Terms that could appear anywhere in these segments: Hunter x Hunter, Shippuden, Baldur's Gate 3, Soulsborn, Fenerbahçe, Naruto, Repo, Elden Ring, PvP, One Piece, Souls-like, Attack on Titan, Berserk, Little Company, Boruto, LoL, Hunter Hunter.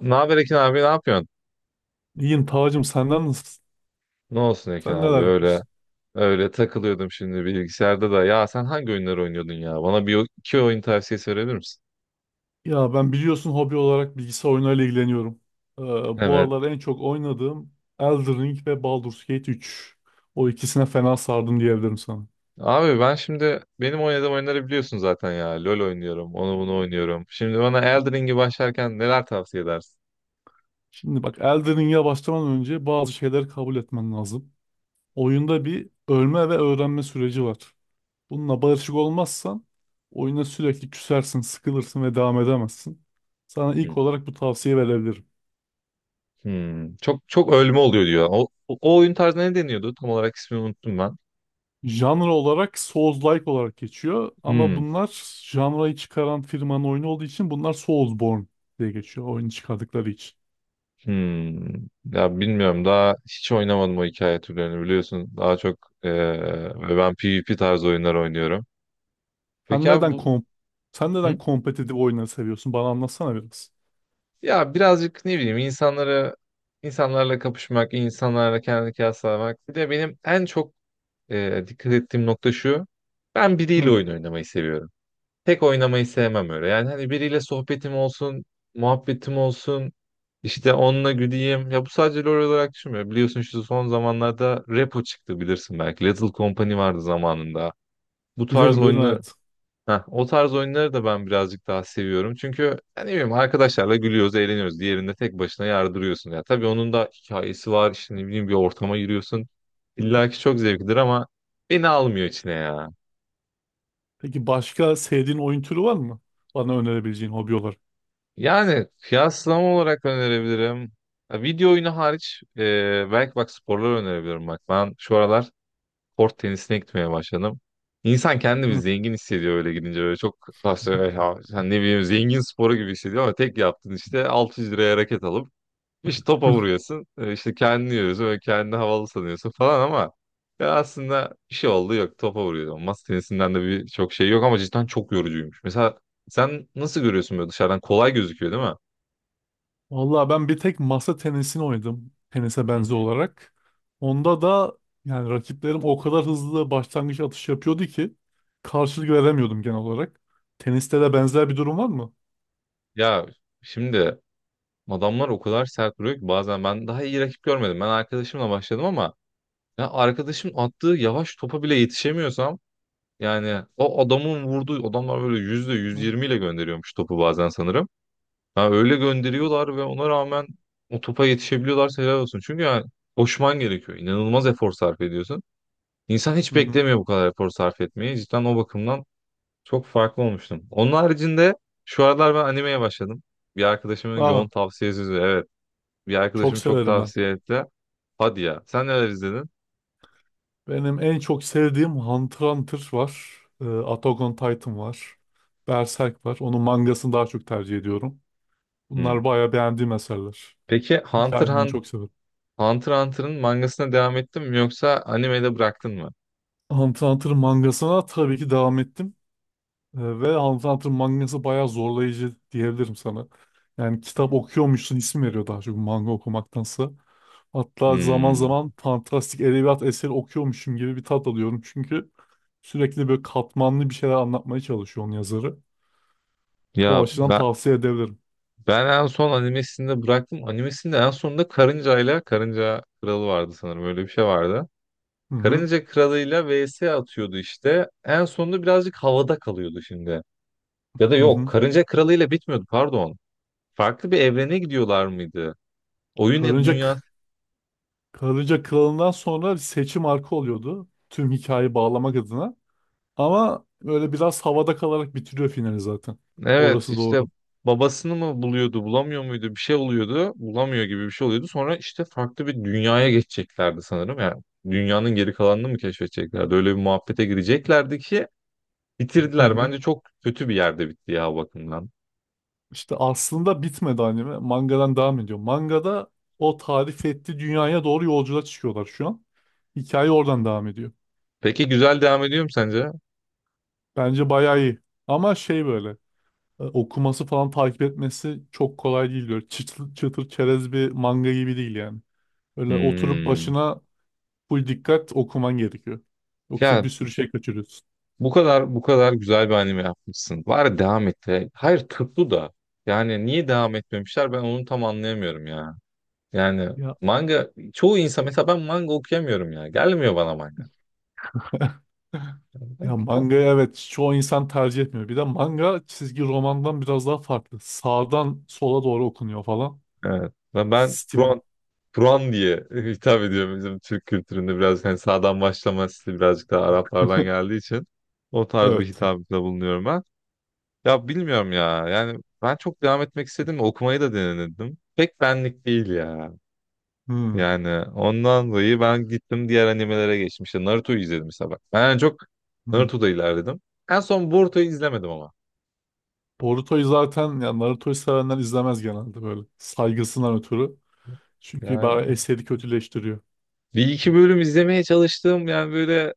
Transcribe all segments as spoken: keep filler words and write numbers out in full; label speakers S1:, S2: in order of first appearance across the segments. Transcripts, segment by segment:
S1: Ne haber Ekin abi ne yapıyorsun?
S2: İyiyim Tacım, senden nasılsın?
S1: Ne olsun Ekin
S2: Sen
S1: abi
S2: neler
S1: öyle
S2: yapıyorsun?
S1: öyle takılıyordum şimdi bilgisayarda da. Ya sen hangi oyunları oynuyordun ya? Bana bir iki oyun tavsiyesi verebilir misin?
S2: Ya ben biliyorsun hobi olarak bilgisayar oyunlarıyla ilgileniyorum. Ee, bu
S1: Evet.
S2: aralar en çok oynadığım Elden Ring ve Baldur's Gate üç. O ikisine fena sardım diyebilirim sana.
S1: Abi ben şimdi benim oynadığım oyunları biliyorsun zaten ya. LoL oynuyorum, onu bunu oynuyorum. Şimdi bana Elden Ring'i başlarken neler tavsiye edersin?
S2: Şimdi bak Elden Ring'e başlamadan önce bazı şeyleri kabul etmen lazım. Oyunda bir ölme ve öğrenme süreci var. Bununla barışık olmazsan oyuna sürekli küsersin, sıkılırsın ve devam edemezsin. Sana
S1: Hmm.
S2: ilk olarak bu tavsiye verebilirim.
S1: Hmm. Çok çok ölme oluyor diyor. O, o o oyun tarzına ne deniyordu? Tam olarak ismini unuttum ben.
S2: Janra olarak Souls-like olarak geçiyor ama
S1: Hmm.
S2: bunlar janrayı çıkaran firmanın oyunu olduğu için bunlar Soulsborne diye geçiyor oyunu çıkardıkları için.
S1: Hmm. Ya bilmiyorum daha hiç oynamadım o hikaye türlerini biliyorsun. Daha çok eee, ben PvP tarzı oyunlar oynuyorum.
S2: Sen
S1: Peki abi
S2: neden
S1: bu
S2: kom Sen
S1: Hı?
S2: neden kompetitif oyunları seviyorsun? Bana anlatsana biraz.
S1: Ya birazcık ne bileyim insanları insanlarla kapışmak, insanlarla kendini kıyaslamak. Bir de benim en çok eee, dikkat ettiğim nokta şu. Ben biriyle
S2: Hı,
S1: oyun oynamayı seviyorum. Tek oynamayı sevmem öyle. Yani hani biriyle sohbetim olsun, muhabbetim olsun, işte onunla güleyim. Ya bu sadece LoL olarak düşünmüyorum. Biliyorsun şu son zamanlarda Repo çıktı bilirsin belki. Little Company vardı zamanında. Bu tarz
S2: bilirim bilirim
S1: oyunu
S2: evet.
S1: Heh, o tarz oyunları da ben birazcık daha seviyorum. Çünkü yani ne bileyim arkadaşlarla gülüyoruz, eğleniyoruz. Diğerinde tek başına yardırıyorsun. Ya tabii onun da hikayesi var. İşte ne bileyim bir ortama giriyorsun. İlla ki çok zevklidir ama beni almıyor içine ya.
S2: Peki başka sevdiğin oyun türü var mı? Bana önerebileceğin hobi olarak.
S1: Yani kıyaslama olarak önerebilirim. Ha, Video oyunu hariç e, belki bak sporları önerebilirim bak. Ben şu aralar kort tenisine gitmeye başladım. İnsan kendini bir
S2: Hı.
S1: zengin hissediyor öyle gidince. Böyle çok aslında ya, sen ne bileyim zengin sporu gibi hissediyor ama tek yaptığın işte altı yüz liraya raket alıp işte topa vuruyorsun. E, işte kendini yiyorsun ve kendini havalı sanıyorsun falan ama ya aslında bir şey oldu yok topa vuruyorsun. Masa tenisinden de bir çok şey yok ama cidden çok yorucuymuş. Mesela sen nasıl görüyorsun böyle dışarıdan kolay gözüküyor değil mi?
S2: Vallahi ben bir tek masa tenisini oynadım. Tenise
S1: Hı
S2: benzer
S1: hı.
S2: olarak. Onda da yani rakiplerim o kadar hızlı başlangıç atış yapıyordu ki karşılık veremiyordum genel olarak. Teniste de benzer bir durum var mı?
S1: Ya şimdi adamlar o kadar sert duruyor ki bazen ben daha iyi rakip görmedim. Ben arkadaşımla başladım ama ya arkadaşım attığı yavaş topa bile yetişemiyorsam yani o adamın vurduğu adamlar böyle yüzde yüz
S2: Hı
S1: yirmi ile gönderiyormuş topu bazen sanırım. Ha öyle gönderiyorlar ve ona rağmen o topa yetişebiliyorlarsa helal olsun. Çünkü yani koşman gerekiyor. İnanılmaz efor sarf ediyorsun. İnsan hiç
S2: hı. Hı.
S1: beklemiyor bu kadar efor sarf etmeyi. Cidden o bakımdan Çok farklı olmuştum. Onun haricinde şu aralar ben animeye başladım. Bir arkadaşımın yoğun
S2: Aa,
S1: tavsiyesi üzerine. Evet. Bir
S2: çok
S1: arkadaşım çok
S2: severim ben.
S1: tavsiye etti. Hadi ya. Sen neler izledin?
S2: Benim en çok sevdiğim Hunter x Hunter var. Ee, Attack on Titan var. Berserk var. Onun mangasını daha çok tercih ediyorum. Bunlar
S1: Hmm.
S2: bayağı beğendiğim eserler.
S1: Peki Hunter
S2: Hikayelerini
S1: Hun-
S2: çok severim.
S1: Hunter Hunter'ın mangasına devam ettin mi yoksa animede bıraktın mı?
S2: Hunter x Hunter'ın mangasına tabii ki devam ettim. Ee, Ve Hunter x Hunter mangası bayağı zorlayıcı diyebilirim sana. Yani kitap okuyormuşsun isim veriyor daha çok manga okumaktansa. Hatta zaman
S1: Hmm.
S2: zaman fantastik edebiyat eseri okuyormuşum gibi bir tat alıyorum. Çünkü sürekli böyle katmanlı bir şeyler anlatmaya çalışıyor onun yazarı. O
S1: Ya
S2: açıdan
S1: ben
S2: tavsiye edebilirim.
S1: ben en son animesinde bıraktım. Animesinde en sonunda karıncayla Karınca Kralı vardı sanırım. Öyle bir şey vardı.
S2: Hı hı,
S1: Karınca Kralı'yla vs atıyordu işte. En sonunda birazcık havada kalıyordu şimdi. Ya da
S2: hı
S1: yok
S2: hı.
S1: Karınca Kralı'yla bitmiyordu pardon. Farklı bir evrene gidiyorlar mıydı? Oyun ya
S2: Karınca,
S1: dünya.
S2: Karınca Kralı'ndan sonra bir seçim arka oluyordu. Tüm hikayeyi bağlamak adına. Ama böyle biraz havada kalarak bitiriyor finali zaten.
S1: Evet
S2: Orası
S1: işte
S2: doğru.
S1: babasını mı buluyordu bulamıyor muydu bir şey oluyordu. Bulamıyor gibi bir şey oluyordu. Sonra işte farklı bir dünyaya geçeceklerdi sanırım. Yani dünyanın geri kalanını mı keşfedeceklerdi? Öyle bir muhabbete gireceklerdi ki bitirdiler. Bence çok kötü bir yerde bitti ya o bakımdan.
S2: İşte aslında bitmedi anime. Mangadan devam ediyor. Mangada o tarif ettiği dünyaya doğru yolculuğa çıkıyorlar şu an. Hikaye oradan devam ediyor.
S1: Peki güzel devam ediyor mu sence?
S2: Bence bayağı iyi. Ama şey böyle e, okuması falan takip etmesi çok kolay değil. Böyle çıtır, çıtır çerez bir manga gibi değil yani. Öyle oturup
S1: Hmm.
S2: başına full dikkat okuman gerekiyor. Yoksa
S1: Ya
S2: bir sürü şey kaçırıyorsun.
S1: Bu kadar bu kadar güzel bir anime yapmışsın. Bari devam et. de. Hayır tuttu da. Yani niye devam etmemişler ben onu tam anlayamıyorum ya. Yani
S2: Ya,
S1: manga çoğu insan mesela ben manga okuyamıyorum ya. Gelmiyor bana manga. Ben
S2: ya
S1: kitap.
S2: manga evet çoğu insan tercih etmiyor. Bir de manga çizgi romandan biraz daha farklı. Sağdan sola doğru okunuyor falan.
S1: Evet. Ve ben
S2: Stili.
S1: Kur'an Kur'an diye hitap ediyorum bizim Türk kültüründe biraz hani sağdan başlama stili birazcık daha Araplardan geldiği için o tarz bir
S2: Evet.
S1: hitapta bulunuyorum ben. Ya bilmiyorum ya. Yani ben çok devam etmek istedim. Okumayı da denedim. Pek benlik değil ya.
S2: Hmm.
S1: Yani ondan dolayı ben gittim diğer animelere geçtim. İşte Naruto'yu izledim mesela bak. Ben çok
S2: Hmm.
S1: Naruto'da ilerledim. En son Boruto'yu izlemedim ama.
S2: Boruto'yu zaten ya Naruto'yu sevenler izlemez genelde böyle. Saygısından ötürü. Çünkü bayağı
S1: Yani
S2: eseri kötüleştiriyor.
S1: bir iki bölüm izlemeye çalıştım. Yani böyle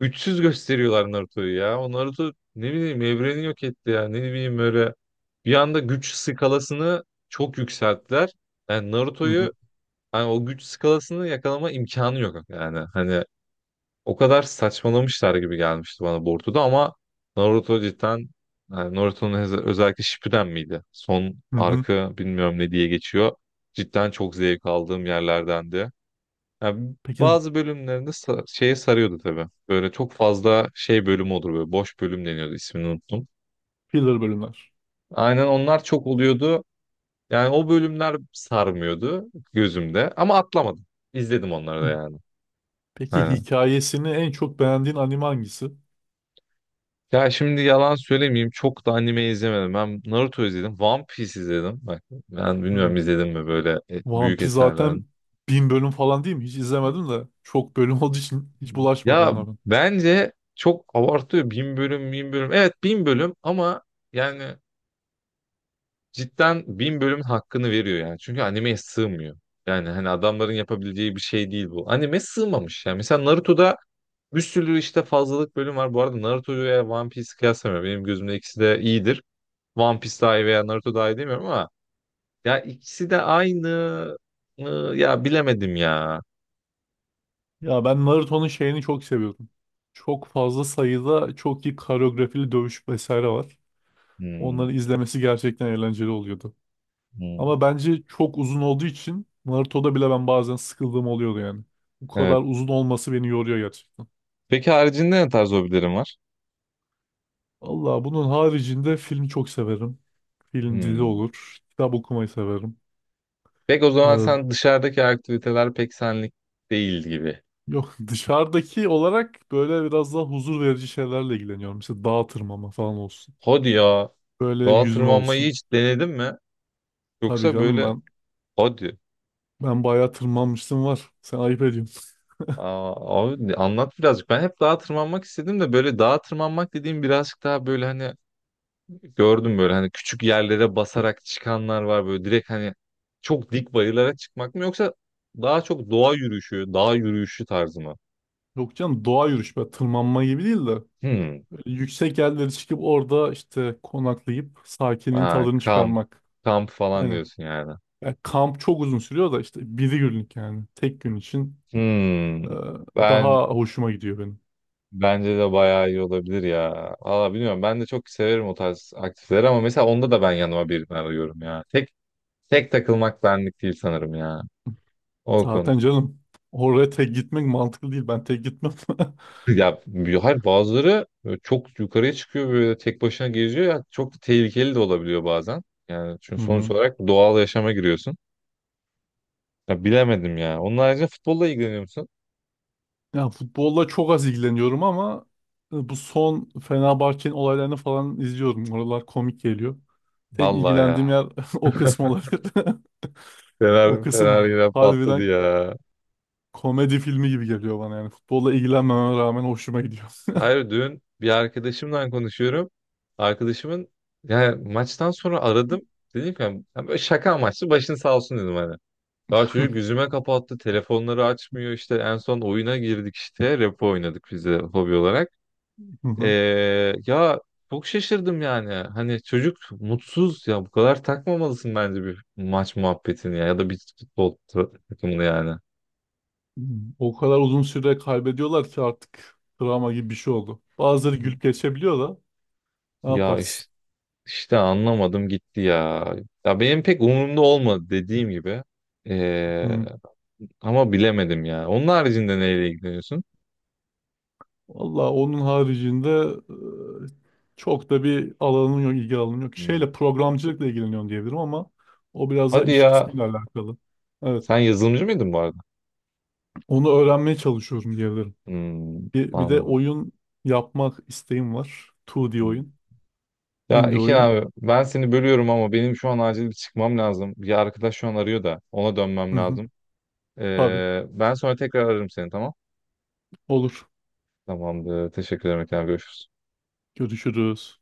S1: üçsüz gösteriyorlar Naruto'yu ya. O Naruto ne bileyim evreni yok etti ya. Ne bileyim böyle bir anda güç skalasını çok yükselttiler. Yani
S2: Hı hı.
S1: Naruto'yu hani o güç skalasını yakalama imkanı yok yani. Hani O kadar saçmalamışlar gibi gelmişti bana Boruto'da ama Naruto cidden yani Naruto'nun öz- özellikle Shippuden miydi? Son
S2: Hı hı.
S1: arka bilmiyorum ne diye geçiyor. Cidden çok zevk aldığım yerlerdendi. Yani
S2: Peki
S1: bazı bölümlerinde sa- şeye sarıyordu tabii. Böyle çok fazla şey bölüm olur böyle boş bölüm deniyordu ismini unuttum.
S2: filler bölümler.
S1: Aynen onlar çok oluyordu. Yani o bölümler sarmıyordu gözümde ama atlamadım. İzledim onları
S2: Hı.
S1: da yani.
S2: Peki
S1: Aynen.
S2: hikayesini en çok beğendiğin anime hangisi?
S1: Ya şimdi yalan söylemeyeyim çok da anime izlemedim. Ben Naruto izledim. One Piece izledim. Bak ben bilmiyorum
S2: Hı.
S1: izledim mi böyle e,
S2: One
S1: büyük
S2: Piece
S1: eserlerin.
S2: zaten bin bölüm falan değil mi? Hiç izlemedim de. Çok bölüm olduğu için hiç bulaşmadım
S1: Ya
S2: ona ben.
S1: bence çok abartıyor. Bin bölüm, bin bölüm. Evet bin bölüm ama yani cidden bin bölümün hakkını veriyor yani. Çünkü animeye sığmıyor. Yani hani adamların yapabileceği bir şey değil bu. Anime sığmamış yani. Mesela Naruto'da bir sürü işte fazlalık bölüm var. Bu arada Naruto'yu veya One Piece'i kıyaslamıyorum. Benim gözümde ikisi de iyidir. One Piece daha iyi veya Naruto daha iyi demiyorum ama ya ikisi de aynı. mı? Ya bilemedim ya.
S2: Ya ben Naruto'nun şeyini çok seviyordum. Çok fazla sayıda çok iyi koreografili dövüş vesaire var.
S1: Hmm,
S2: Onları izlemesi gerçekten eğlenceli oluyordu.
S1: hmm.
S2: Ama bence çok uzun olduğu için Naruto'da bile ben bazen sıkıldığım oluyordu yani. Bu
S1: Evet.
S2: kadar uzun olması beni yoruyor gerçekten.
S1: Peki haricinde ne tarz hobilerin var?
S2: Allah bunun haricinde film çok severim. Film dizi
S1: Hmm.
S2: olur. Kitap okumayı severim.
S1: Pek o zaman
S2: Ee,
S1: sen dışarıdaki aktiviteler pek senlik değil gibi.
S2: yok dışarıdaki olarak böyle biraz daha huzur verici şeylerle ilgileniyorum. Mesela dağ tırmanma falan olsun.
S1: Hadi ya.
S2: Böyle
S1: Dağa
S2: yüzme
S1: tırmanmayı
S2: olsun.
S1: hiç denedin mi?
S2: Tabii
S1: Yoksa
S2: canım
S1: böyle
S2: ben
S1: hadi.
S2: ben bayağı tırmanmıştım var. Sen ayıp ediyorsun.
S1: Aa, abi anlat birazcık. Ben hep dağa tırmanmak istedim de böyle dağa tırmanmak dediğim birazcık daha böyle hani gördüm böyle hani küçük yerlere basarak çıkanlar var böyle direkt hani çok dik bayırlara çıkmak mı yoksa daha çok doğa yürüyüşü, dağ yürüyüşü tarzı mı?
S2: Yok canım doğa yürüyüş. Böyle tırmanma gibi değil de.
S1: Hmm.
S2: Yüksek yerlere çıkıp orada işte konaklayıp sakinin
S1: Ha,
S2: tadını
S1: kamp,
S2: çıkarmak.
S1: kamp falan
S2: Aynen.
S1: diyorsun yani.
S2: Ya kamp çok uzun sürüyor da işte bir günlük yani. Tek gün için e,
S1: Hmm.
S2: daha
S1: Ben
S2: hoşuma gidiyor benim.
S1: bence de bayağı iyi olabilir ya. Valla bilmiyorum ben de çok severim o tarz aktiviteleri ama mesela onda da ben yanıma birini arıyorum ya. Tek tek takılmak benlik değil sanırım ya. O konu.
S2: Zaten canım oraya tek gitmek mantıklı değil. Ben tek gitmem.
S1: Ya hayır bazıları böyle çok yukarıya çıkıyor böyle tek başına geziyor ya çok da tehlikeli de olabiliyor bazen. Yani
S2: Hı
S1: çünkü sonuç
S2: hı.
S1: olarak doğal yaşama giriyorsun. Ya bilemedim ya. Onun haricinde futbolla ilgileniyor musun?
S2: Ya futbolla çok az ilgileniyorum ama e, bu son Fenerbahçe'nin olaylarını falan izliyorum. Oralar komik geliyor. Tek
S1: Vallahi ya.
S2: ilgilendiğim yer o kısım olabilir. O
S1: Fener, Fener
S2: kısım
S1: yine patladı
S2: harbiden
S1: ya.
S2: komedi filmi gibi geliyor bana yani. Futbolla ilgilenmememe rağmen hoşuma gidiyor.
S1: Hayır dün bir arkadaşımla konuşuyorum. Arkadaşımın yani maçtan sonra aradım. Dedim ki yani, böyle şaka amaçlı başın sağ olsun dedim hani. Daha çocuk yüzüme kapattı. Telefonları açmıyor işte. En son oyuna girdik işte. Repo oynadık biz de hobi olarak. Ee, ya çok şaşırdım yani. Hani çocuk mutsuz ya bu kadar takmamalısın bence bir maç muhabbetini ya ya da bir futbol ta- takımını yani.
S2: O kadar uzun süre kaybediyorlar ki artık travma gibi bir şey oldu. Bazıları gülüp geçebiliyor da ne
S1: Ya
S2: yaparsın?
S1: işte, işte anlamadım gitti ya. Ya benim pek umurumda olmadı dediğim gibi. Ee,
S2: Hı.
S1: ama bilemedim ya. Onun haricinde neyle ilgileniyorsun?
S2: Valla onun haricinde e, çok da bir alanın yok, ilgi alanın yok. Şeyle
S1: Hmm.
S2: programcılıkla ilgileniyorum diyebilirim ama o biraz da
S1: Hadi
S2: iş
S1: ya.
S2: kısmıyla alakalı. Evet,
S1: Sen yazılımcı mıydın bu arada?
S2: onu öğrenmeye çalışıyorum diyebilirim.
S1: Hmm,
S2: Bir, bir de
S1: anladım.
S2: oyun yapmak isteğim var. iki D oyun,
S1: Ya
S2: indie
S1: iki
S2: oyun.
S1: abi ben seni bölüyorum ama benim şu an acil bir çıkmam lazım. Bir arkadaş şu an arıyor da ona dönmem
S2: Hı hı.
S1: lazım.
S2: Tabii.
S1: Ee, ben sonra tekrar ararım seni tamam?
S2: Olur.
S1: Tamamdır. Teşekkür ederim. Tekrar görüşürüz.
S2: Görüşürüz.